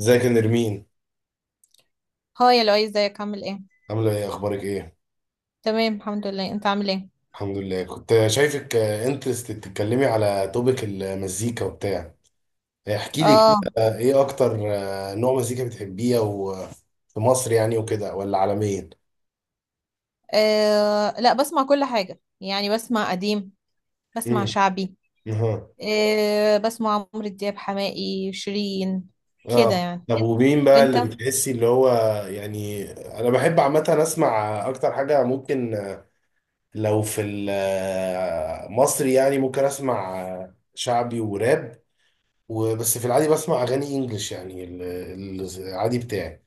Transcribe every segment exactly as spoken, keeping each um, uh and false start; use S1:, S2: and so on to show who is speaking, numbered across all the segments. S1: ازيك يا نرمين؟
S2: هاي يا لؤي، ازيك؟ عامل ايه؟
S1: عامله ايه؟ اخبارك ايه؟
S2: تمام الحمد لله، انت عامل ايه؟
S1: الحمد لله. كنت شايفك انترست تتكلمي على توبيك المزيكا وبتاع. احكي لي
S2: اه.
S1: كده، آه، ايه اكتر آه، نوع مزيكا بتحبيه او آه، في مصر يعني وكده، ولا عالميا؟
S2: آه، لا، بسمع كل حاجه يعني، بسمع قديم، بسمع
S1: امم
S2: شعبي.
S1: اها.
S2: آه بسمع عمرو دياب، حماقي، شيرين كده
S1: اه،
S2: يعني.
S1: طب ومين بقى
S2: وانت
S1: اللي بتحسي اللي هو يعني. انا بحب عامه اسمع اكتر حاجه ممكن، آه، لو في المصري يعني ممكن اسمع آه، شعبي وراب وبس. في العادي بسمع اغاني انجلش يعني، ال- ال- العادي بتاعي.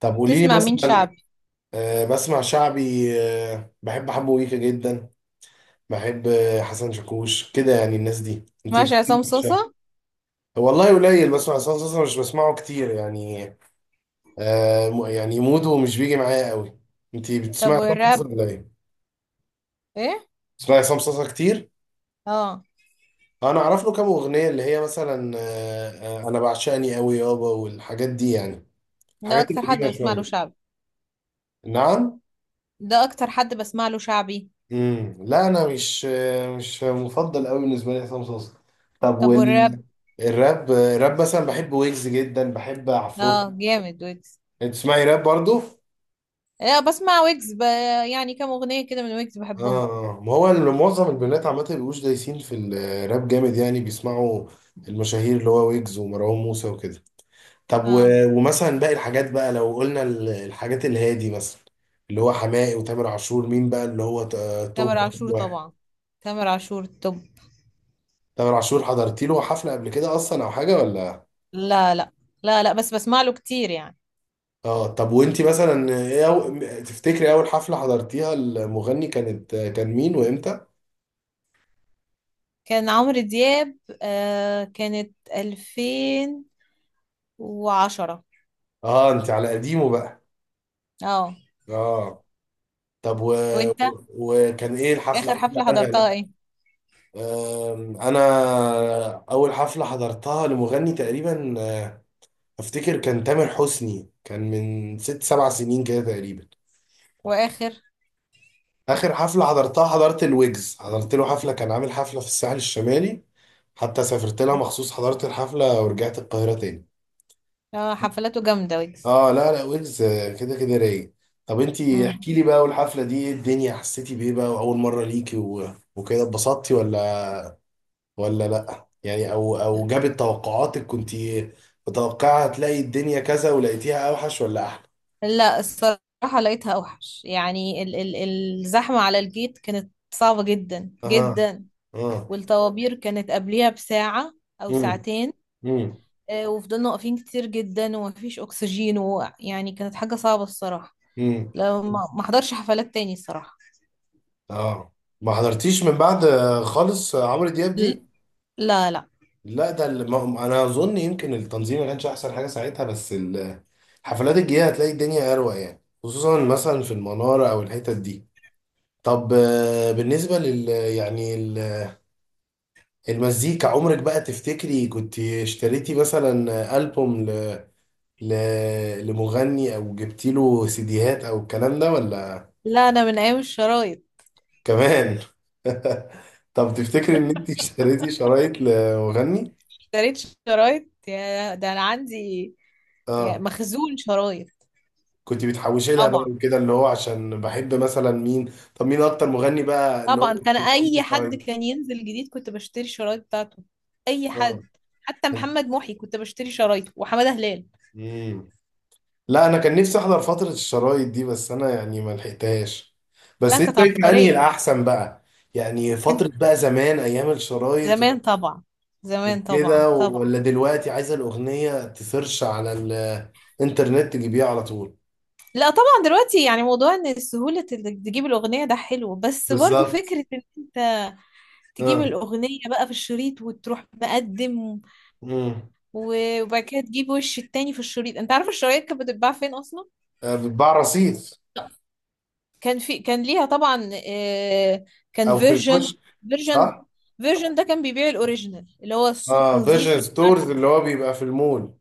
S1: طب قولي لي
S2: تسمع مين
S1: مثلا،
S2: شعبي؟
S1: آه، بسمع شعبي. آه، بحب حمو ويكا جدا. بحب آه، حسن شاكوش، كده يعني. الناس دي انت
S2: ماشي. عصام
S1: بتسمعي شعبي؟
S2: صوصه.
S1: والله قليل بسمع حسن شاكوش، مش بسمعه كتير يعني. آه، م- يعني موده مش بيجي معايا قوي. انت
S2: طب
S1: بتسمعي حسن شاكوش
S2: والراب؟
S1: ولا ايه؟
S2: ايه؟
S1: بتسمعي حسن شاكوش كتير؟
S2: اه.
S1: انا اعرف له كام اغنيه اللي هي مثلا، آه، آه، انا بعشقني قوي يابا والحاجات دي يعني.
S2: ده
S1: الحاجات
S2: اكتر حد
S1: القديمه
S2: بسمع له
S1: شويه.
S2: شعبي.
S1: نعم؟
S2: ده اكتر حد بسمع له شعبي.
S1: امم لا انا مش مش مفضل قوي بالنسبه لي عصام صاصا. طب
S2: طب والراب؟
S1: وال الراب، الراب مثلا بحب ويجز جدا، بحب عفروت.
S2: اه جامد ويجز.
S1: انت تسمعي راب برضو؟
S2: لا بسمع ويجز ب... يعني كام اغنيه كده من ويجز
S1: اه.
S2: بحبهم.
S1: آه. ما هو ال- معظم البنات عامه بيبقوش دايسين في الراب جامد يعني، بيسمعوا المشاهير اللي هو ويجز ومروان موسى وكده. طب و...
S2: اه.
S1: ومثلا باقي الحاجات بقى، لو قلنا ال- الحاجات الهادي مثلا، اللي هو حماقي وتامر عشور، مين بقى اللي هو ت- آه،
S2: تامر
S1: توب
S2: عاشور
S1: واحد؟
S2: طبعا. تامر عاشور. طب،
S1: تامر عاشور حضرتي له حفله قبل كده اصلا او حاجه ولا؟
S2: لا لا. لا لا، بس بسمع له كتير يعني.
S1: اه. طب وانتي مثلا ايه أو... تفتكري اول حفلة حضرتيها المغني كانت كان مين وامتى؟
S2: كان عمرو دياب، آه كانت الفين وعشرة.
S1: اه، انت على قديمه بقى.
S2: اه.
S1: اه، طب و...
S2: وانت،
S1: و- وكان ايه الحفلة؟
S2: اخر
S1: احكي
S2: حفلة حضرتها
S1: عنها.
S2: ايه؟
S1: آم، انا اول حفلة حضرتها لمغني تقريبا، آه، افتكر كان تامر حسني، كان من ست سبع سنين كده تقريبا.
S2: واخر؟
S1: اخر حفلة حضرتها، حضرت الويجز، حضرت له حفلة، كان عامل حفلة في الساحل الشمالي، حتى سافرت لها مخصوص، حضرت الحفلة ورجعت القاهرة تاني.
S2: اه، حفلاته جامدة ويجز.
S1: اه لا لا، ويجز آه، كده كده رايق. طب انتي احكي
S2: مم.
S1: لي بقى، والحفله دي ايه الدنيا؟ حسيتي بايه بقى واول مره ليكي و... وكده اتبسطتي ولا، ولا لا يعني، او او جابت توقعاتك؟ كنتي متوقعه هتلاقي الدنيا كذا ولقيتيها اوحش ولا احلى؟
S2: لا الصراحة لقيتها اوحش، يعني ال ال الزحمة على الجيت كانت صعبة جدا
S1: اها.
S2: جدا،
S1: اه.
S2: والطوابير كانت قبليها بساعة او
S1: امم
S2: ساعتين.
S1: امم
S2: آه، وفضلنا واقفين كتير جدا ومفيش اكسجين، ويعني كانت حاجة صعبة الصراحة.
S1: امم
S2: لو ما ما حضرش حفلات تاني الصراحة.
S1: اه. ما حضرتيش من بعد آه، خالص آه، عمرو دياب دي؟
S2: ل- لا لا.
S1: لا، ده اللي ما انا اظن يمكن التنظيم ما كانش احسن حاجه ساعتها، بس ال- الحفلات الجايه هتلاقي الدنيا اروق يعني، خصوصا مثلا في المناره او الحتت دي. طب، آه، بالنسبه لل يعني ال- المزيكا، عمرك بقى تفتكري كنت اشتريتي مثلا البوم ل... ل... لمغني، او جبتي له سيديهات او الكلام ده ولا؟
S2: لا، انا من ايام الشرايط.
S1: كمان. طب تفتكري ان انت اشتريتي شرايط لمغني؟
S2: اشتريت شرايط، يا ده انا عندي يا
S1: اه،
S2: مخزون شرايط.
S1: كنت بتحوشي لها
S2: طبعا
S1: بقى وكده اللي هو عشان بحب مثلا مين؟ طب مين اكتر مغني بقى اللي هو
S2: طبعا. كان اي حد
S1: بتاعي؟
S2: كان ينزل جديد كنت بشتري الشرايط بتاعته. اي
S1: اه.
S2: حد. حتى محمد محي كنت بشتري شرايطه، وحمادة هلال.
S1: مم. لا انا كان نفسي احضر فترة الشرايط دي بس انا يعني ما لحقتهاش.
S2: لا
S1: بس
S2: كانت
S1: انت شايف انهي
S2: عبقرية.
S1: الاحسن بقى؟ يعني فترة بقى زمان ايام الشرايط
S2: زمان طبعا. زمان طبعا
S1: وكده،
S2: طبعا.
S1: ولا دلوقتي عايزة الاغنية تسيرش على الانترنت تجيبيها على طول؟
S2: لا طبعا دلوقتي، يعني موضوع ان سهولة انك تجيب الاغنية ده حلو، بس برضو
S1: بالظبط.
S2: فكرة ان انت تجيب
S1: اه.
S2: الاغنية بقى في الشريط وتروح مقدم،
S1: امم.
S2: و- وبعد كده تجيب وش التاني في الشريط. انت عارف الشرايط كانت بتتباع فين اصلا؟
S1: بتباع رصيف
S2: كان في، كان ليها طبعا، آه، كان
S1: او في
S2: فيرجن.
S1: الكشك؟
S2: فيرجن.
S1: صح.
S2: فيرجن ده كان بيبيع الاوريجينال، اللي هو الصوت
S1: اه،
S2: نظيف
S1: فيجن
S2: ومش عارف.
S1: ستورز اللي هو بيبقى في المول.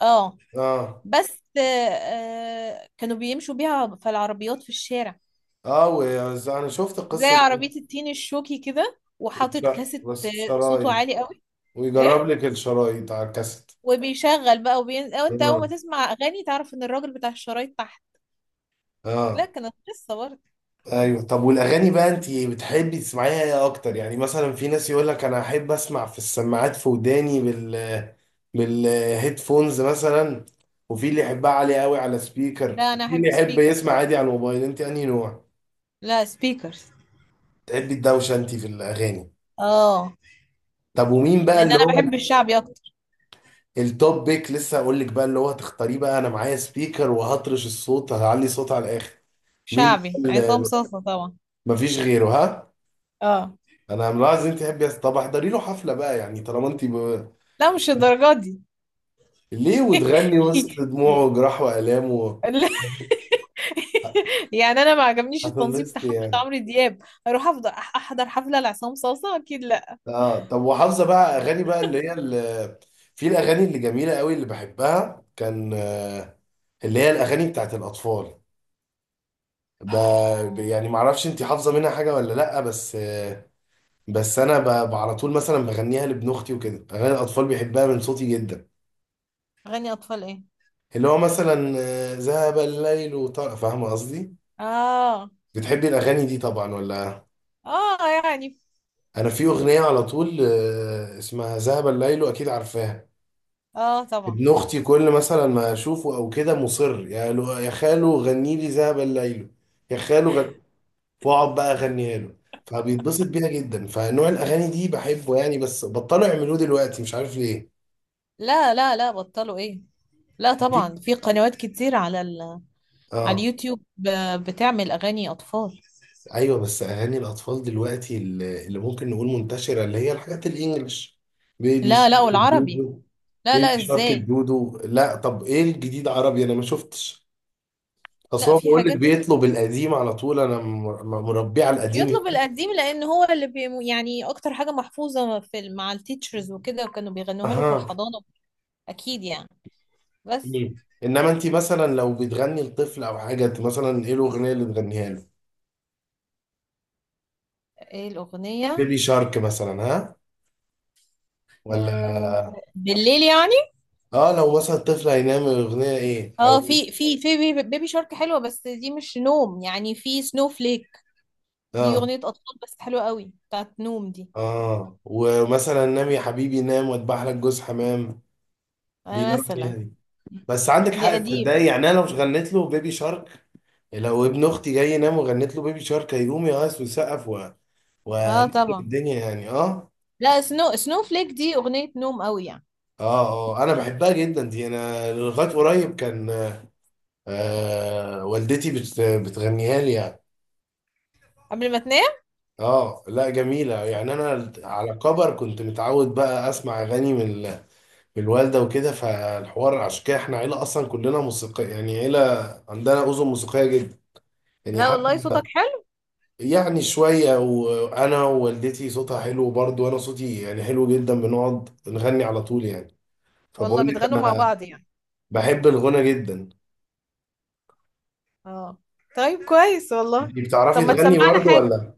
S2: اه،
S1: اه.
S2: بس، آه، آه، كانوا بيمشوا بيها في العربيات في الشارع،
S1: اه، وز- انا شفت
S2: زي
S1: القصه دي.
S2: عربية التين الشوكي كده
S1: وبش...
S2: وحاطط كاسيت، آه،
S1: بس
S2: صوته
S1: بشرايط؟
S2: عالي قوي.
S1: ويجرب
S2: ايه.
S1: لك الشرايط على الكاسيت.
S2: وبيشغل بقى، وبين... أو انت اول
S1: اه.
S2: ما تسمع اغاني تعرف ان الراجل بتاع الشرايط تحت. لا
S1: اه.
S2: كانت قصة برضه.
S1: ايوه، طب والاغاني بقى انت بتحبي تسمعيها ايه اكتر؟ يعني مثلا في ناس يقول لك انا احب اسمع في السماعات في وداني بال بالهيدفونز مثلا، وفي اللي يحبها عالية قوي على سبيكر،
S2: لا انا
S1: وفي اللي
S2: احب
S1: يحب يسمع
S2: سبيكرز.
S1: عادي على الموبايل. انت انهي نوع؟
S2: لا سبيكرز.
S1: تحبي الدوشه انت في الاغاني؟
S2: اه،
S1: طب ومين بقى
S2: لان
S1: اللي
S2: انا بحب
S1: هو
S2: الشعبي اكتر.
S1: التوب بيك؟ لسه هقول لك بقى اللي هو هتختاريه بقى. انا معايا سبيكر وهطرش الصوت، هعلي صوت على الاخر. مين بقى
S2: شعبي عصام
S1: اللي
S2: صاصة طبعا.
S1: مفيش غيره ها؟
S2: اه.
S1: انا ملاحظ انت تحبي أس- طب احضري له حفله بقى يعني، طالما انت ب...
S2: لا مش الدرجات دي.
S1: ليه؟ وتغني وسط دموعه وجراح والامه؟
S2: لا. يعني انا ما عجبنيش التنظيم
S1: هتنبسط
S2: بتاع حفلة
S1: يعني.
S2: عمرو دياب، اروح افضل أح- احضر حفلة لعصام صاصة؟ اكيد لا.
S1: اه. طب وحافظه بقى اغاني بقى اللي هي اللي... في الاغاني اللي جميله قوي اللي بحبها كان، آه، اللي هي الاغاني بتاعت الاطفال. ب... ب- يعني معرفش انت حافظه منها حاجه ولا لا، بس بس انا ب- ب- على طول مثلا بغنيها لابن اختي وكده. اغاني الاطفال بيحبها من صوتي جدا.
S2: اغاني اطفال ايه؟
S1: اللي هو مثلا آه، ذهب الليل وطار، فاهمه قصدي؟
S2: اه.
S1: بتحبي الاغاني دي طبعا ولا؟
S2: اه يعني.
S1: انا في اغنيه على طول آه، اسمها ذهب الليل، واكيد عارفاها.
S2: اه طبعا.
S1: ابن اختي كل مثلا ما اشوفه او كده مصر، يا لو- يا خالو غني لي ذهب الليل، يا خالو غن... واقعد بقى اغنيها له، فبيتبسط بيها جدا. فنوع الاغاني دي بحبه يعني، بس بطلوا يعملوه دلوقتي، مش عارف ليه.
S2: لا لا لا، بطلوا ايه؟ لا
S1: دي-
S2: طبعا، في قنوات كتير على ال... على
S1: اه.
S2: اليوتيوب ب- بتعمل اغاني اطفال.
S1: ايوه، بس اغاني الاطفال دلوقتي اللي اللي ممكن نقول منتشره اللي هي الحاجات الانجليش، بيبي
S2: لا لا،
S1: شارك
S2: والعربي.
S1: الدودو.
S2: لا لا،
S1: بيبي شارك
S2: ازاي؟
S1: الدودو. لا طب ايه الجديد عربي؟ انا ما شفتش. اصل
S2: لا
S1: هو
S2: في
S1: بقول لك
S2: حاجات.
S1: بيطلب القديم على طول، انا م- م- مربيه على القديم.
S2: يطلب القديم لان هو اللي بي... يعني اكتر حاجة محفوظة في ال- مع التيتشرز وكده، وكانوا بيغنوها له في
S1: اها.
S2: الحضانة اكيد يعني. بس
S1: مم. انما انت مثلا لو بتغني لطفل او حاجه، انت مثلا ايه الاغنيه اللي بتغنيها له؟
S2: ايه الاغنية؟
S1: بيبي شارك مثلا ها، ولا؟
S2: آه، بالليل يعني.
S1: اه، لو مثلا الطفل هينام اغنيه ايه او؟
S2: اه في في في بيبي، بيبي شارك حلوة، بس دي مش نوم يعني. في سنو فليك، دي
S1: اه.
S2: أغنية أطفال بس حلوة قوي، بتاعت نوم دي.
S1: اه، ومثلا نام يا حبيبي نام واتبع لك جوز حمام؟
S2: آه،
S1: بينام عليها
S2: مثلا.
S1: دي؟ بس عندك
S2: دي
S1: حق
S2: قديمة
S1: تصدقي
S2: دي.
S1: يعني، انا لو غنيت له بيبي شارك، لو ابن اختي جاي ينام وغنيت له بيبي شارك، هيقوم يقص ويسقف و...
S2: اه
S1: ونخرب
S2: طبعا.
S1: الدنيا يعني. اه.
S2: لا سنو، سنو فليك دي أغنية نوم قوي يعني.
S1: اه. اه، انا بحبها جدا دي، انا لغايه قريب كان، آه والدتي بت... بتغنيها لي يعني.
S2: قبل ما تنام.
S1: اه، لا جميله يعني. انا على كبر كنت متعود بقى اسمع اغاني من بالوالدة وكده، فالحوار عشان كده احنا عيلة أصلا كلنا موسيقية يعني، عيلة عندنا أذن موسيقية جدا يعني.
S2: لا والله
S1: حتى
S2: صوتك حلو.
S1: يعني شوية، وأنا ووالدتي صوتها حلو برضه وأنا صوتي يعني حلو جدا، بنقعد نغني على طول يعني.
S2: والله
S1: فبقول لك
S2: بتغنوا مع
S1: أنا
S2: بعض يعني.
S1: بحب الغنى جدا.
S2: اه. طيب كويس والله.
S1: انتي بتعرفي
S2: طب ما
S1: تغني
S2: تسمعنا
S1: برضه
S2: حاجة.
S1: ولا؟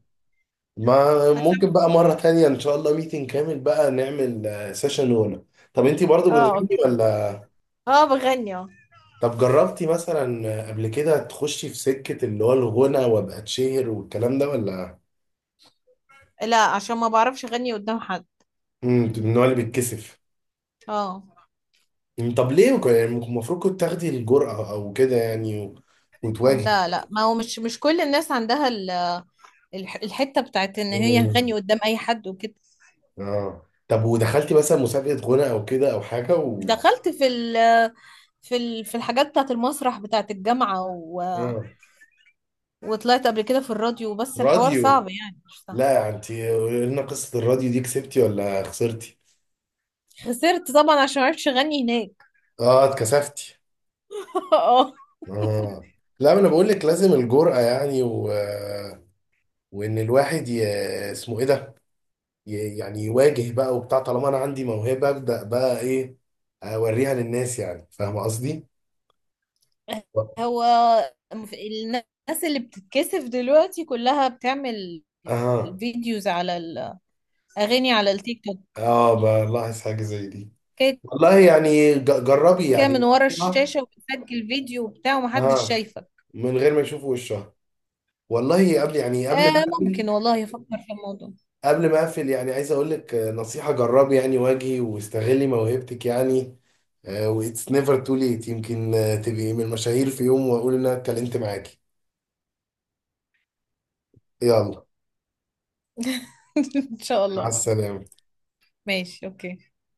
S1: ما
S2: ما
S1: ممكن
S2: تسمع.
S1: بقى مرة تانية إن شاء الله، ميتنج كامل بقى نعمل سيشن غنى. طب أنتي برضه
S2: اه.
S1: بتغني ولا؟
S2: اه بغني اه.
S1: طب جربتي مثلا قبل كده تخشي في سكة اللي هو الغنى وابقى اتشهر والكلام ده ولا؟
S2: لا عشان ما بعرفش اغني قدام حد.
S1: امم من النوع اللي بيتكسف.
S2: اه.
S1: مم، طب ليه؟ وك- يعني المفروض كنت تاخدي الجرأة او كده يعني و... وتواجهي.
S2: لا لا، ما هو مش مش كل الناس عندها ال- الح- الحتة بتاعت ان هي
S1: مم،
S2: تغني قدام اي حد وكده.
S1: اه. طب ودخلتي مثلا مسابقة غنى او كده او حاجة و؟
S2: دخلت في ال، في ال- في الحاجات بتاعت المسرح بتاعت الجامعة و...
S1: اه،
S2: وطلعت قبل كده في الراديو، بس الحوار
S1: راديو؟
S2: صعب يعني، مش سهل.
S1: لا انت قولي لنا قصة الراديو دي، كسبتي ولا خسرتي؟
S2: خسرت طبعا عشان معرفش اغني هناك.
S1: اه، اتكسفتي.
S2: اه.
S1: اه، لا ما انا بقول لك لازم الجرأة يعني و... وان الواحد ي... اسمه ايه ده ي- يعني يواجه بقى وبتاع، طالما انا عندي موهبه ابدا بقى ايه، اوريها للناس يعني، فاهم قصدي؟
S2: هو في- الناس اللي بتتكسف دلوقتي كلها بتعمل
S1: اها،
S2: فيديوز على الاغاني على التيك توك
S1: اه، بلاحظ حاجه زي دي.
S2: كده،
S1: والله يعني ج- جربي
S2: كده من
S1: يعني.
S2: ورا
S1: اه،
S2: الشاشة وبتسجل فيديو وبتاع ومحدش
S1: آه،
S2: شايفك.
S1: من غير ما يشوفوا وشها. والله قبل يعني، قبل ما
S2: آه
S1: اقفل،
S2: ممكن والله افكر في الموضوع.
S1: قبل ما اقفل يعني، عايز اقول لك آه، نصيحه، جربي يعني، واجهي واستغلي موهبتك يعني. واتس نيفر تو ليت، يمكن آه، تبقي من المشاهير في يوم واقول ان انا اتكلمت معاكي. يلا،
S2: ان شاء
S1: مع
S2: الله.
S1: السلامه.
S2: ماشي اوكي. يلا.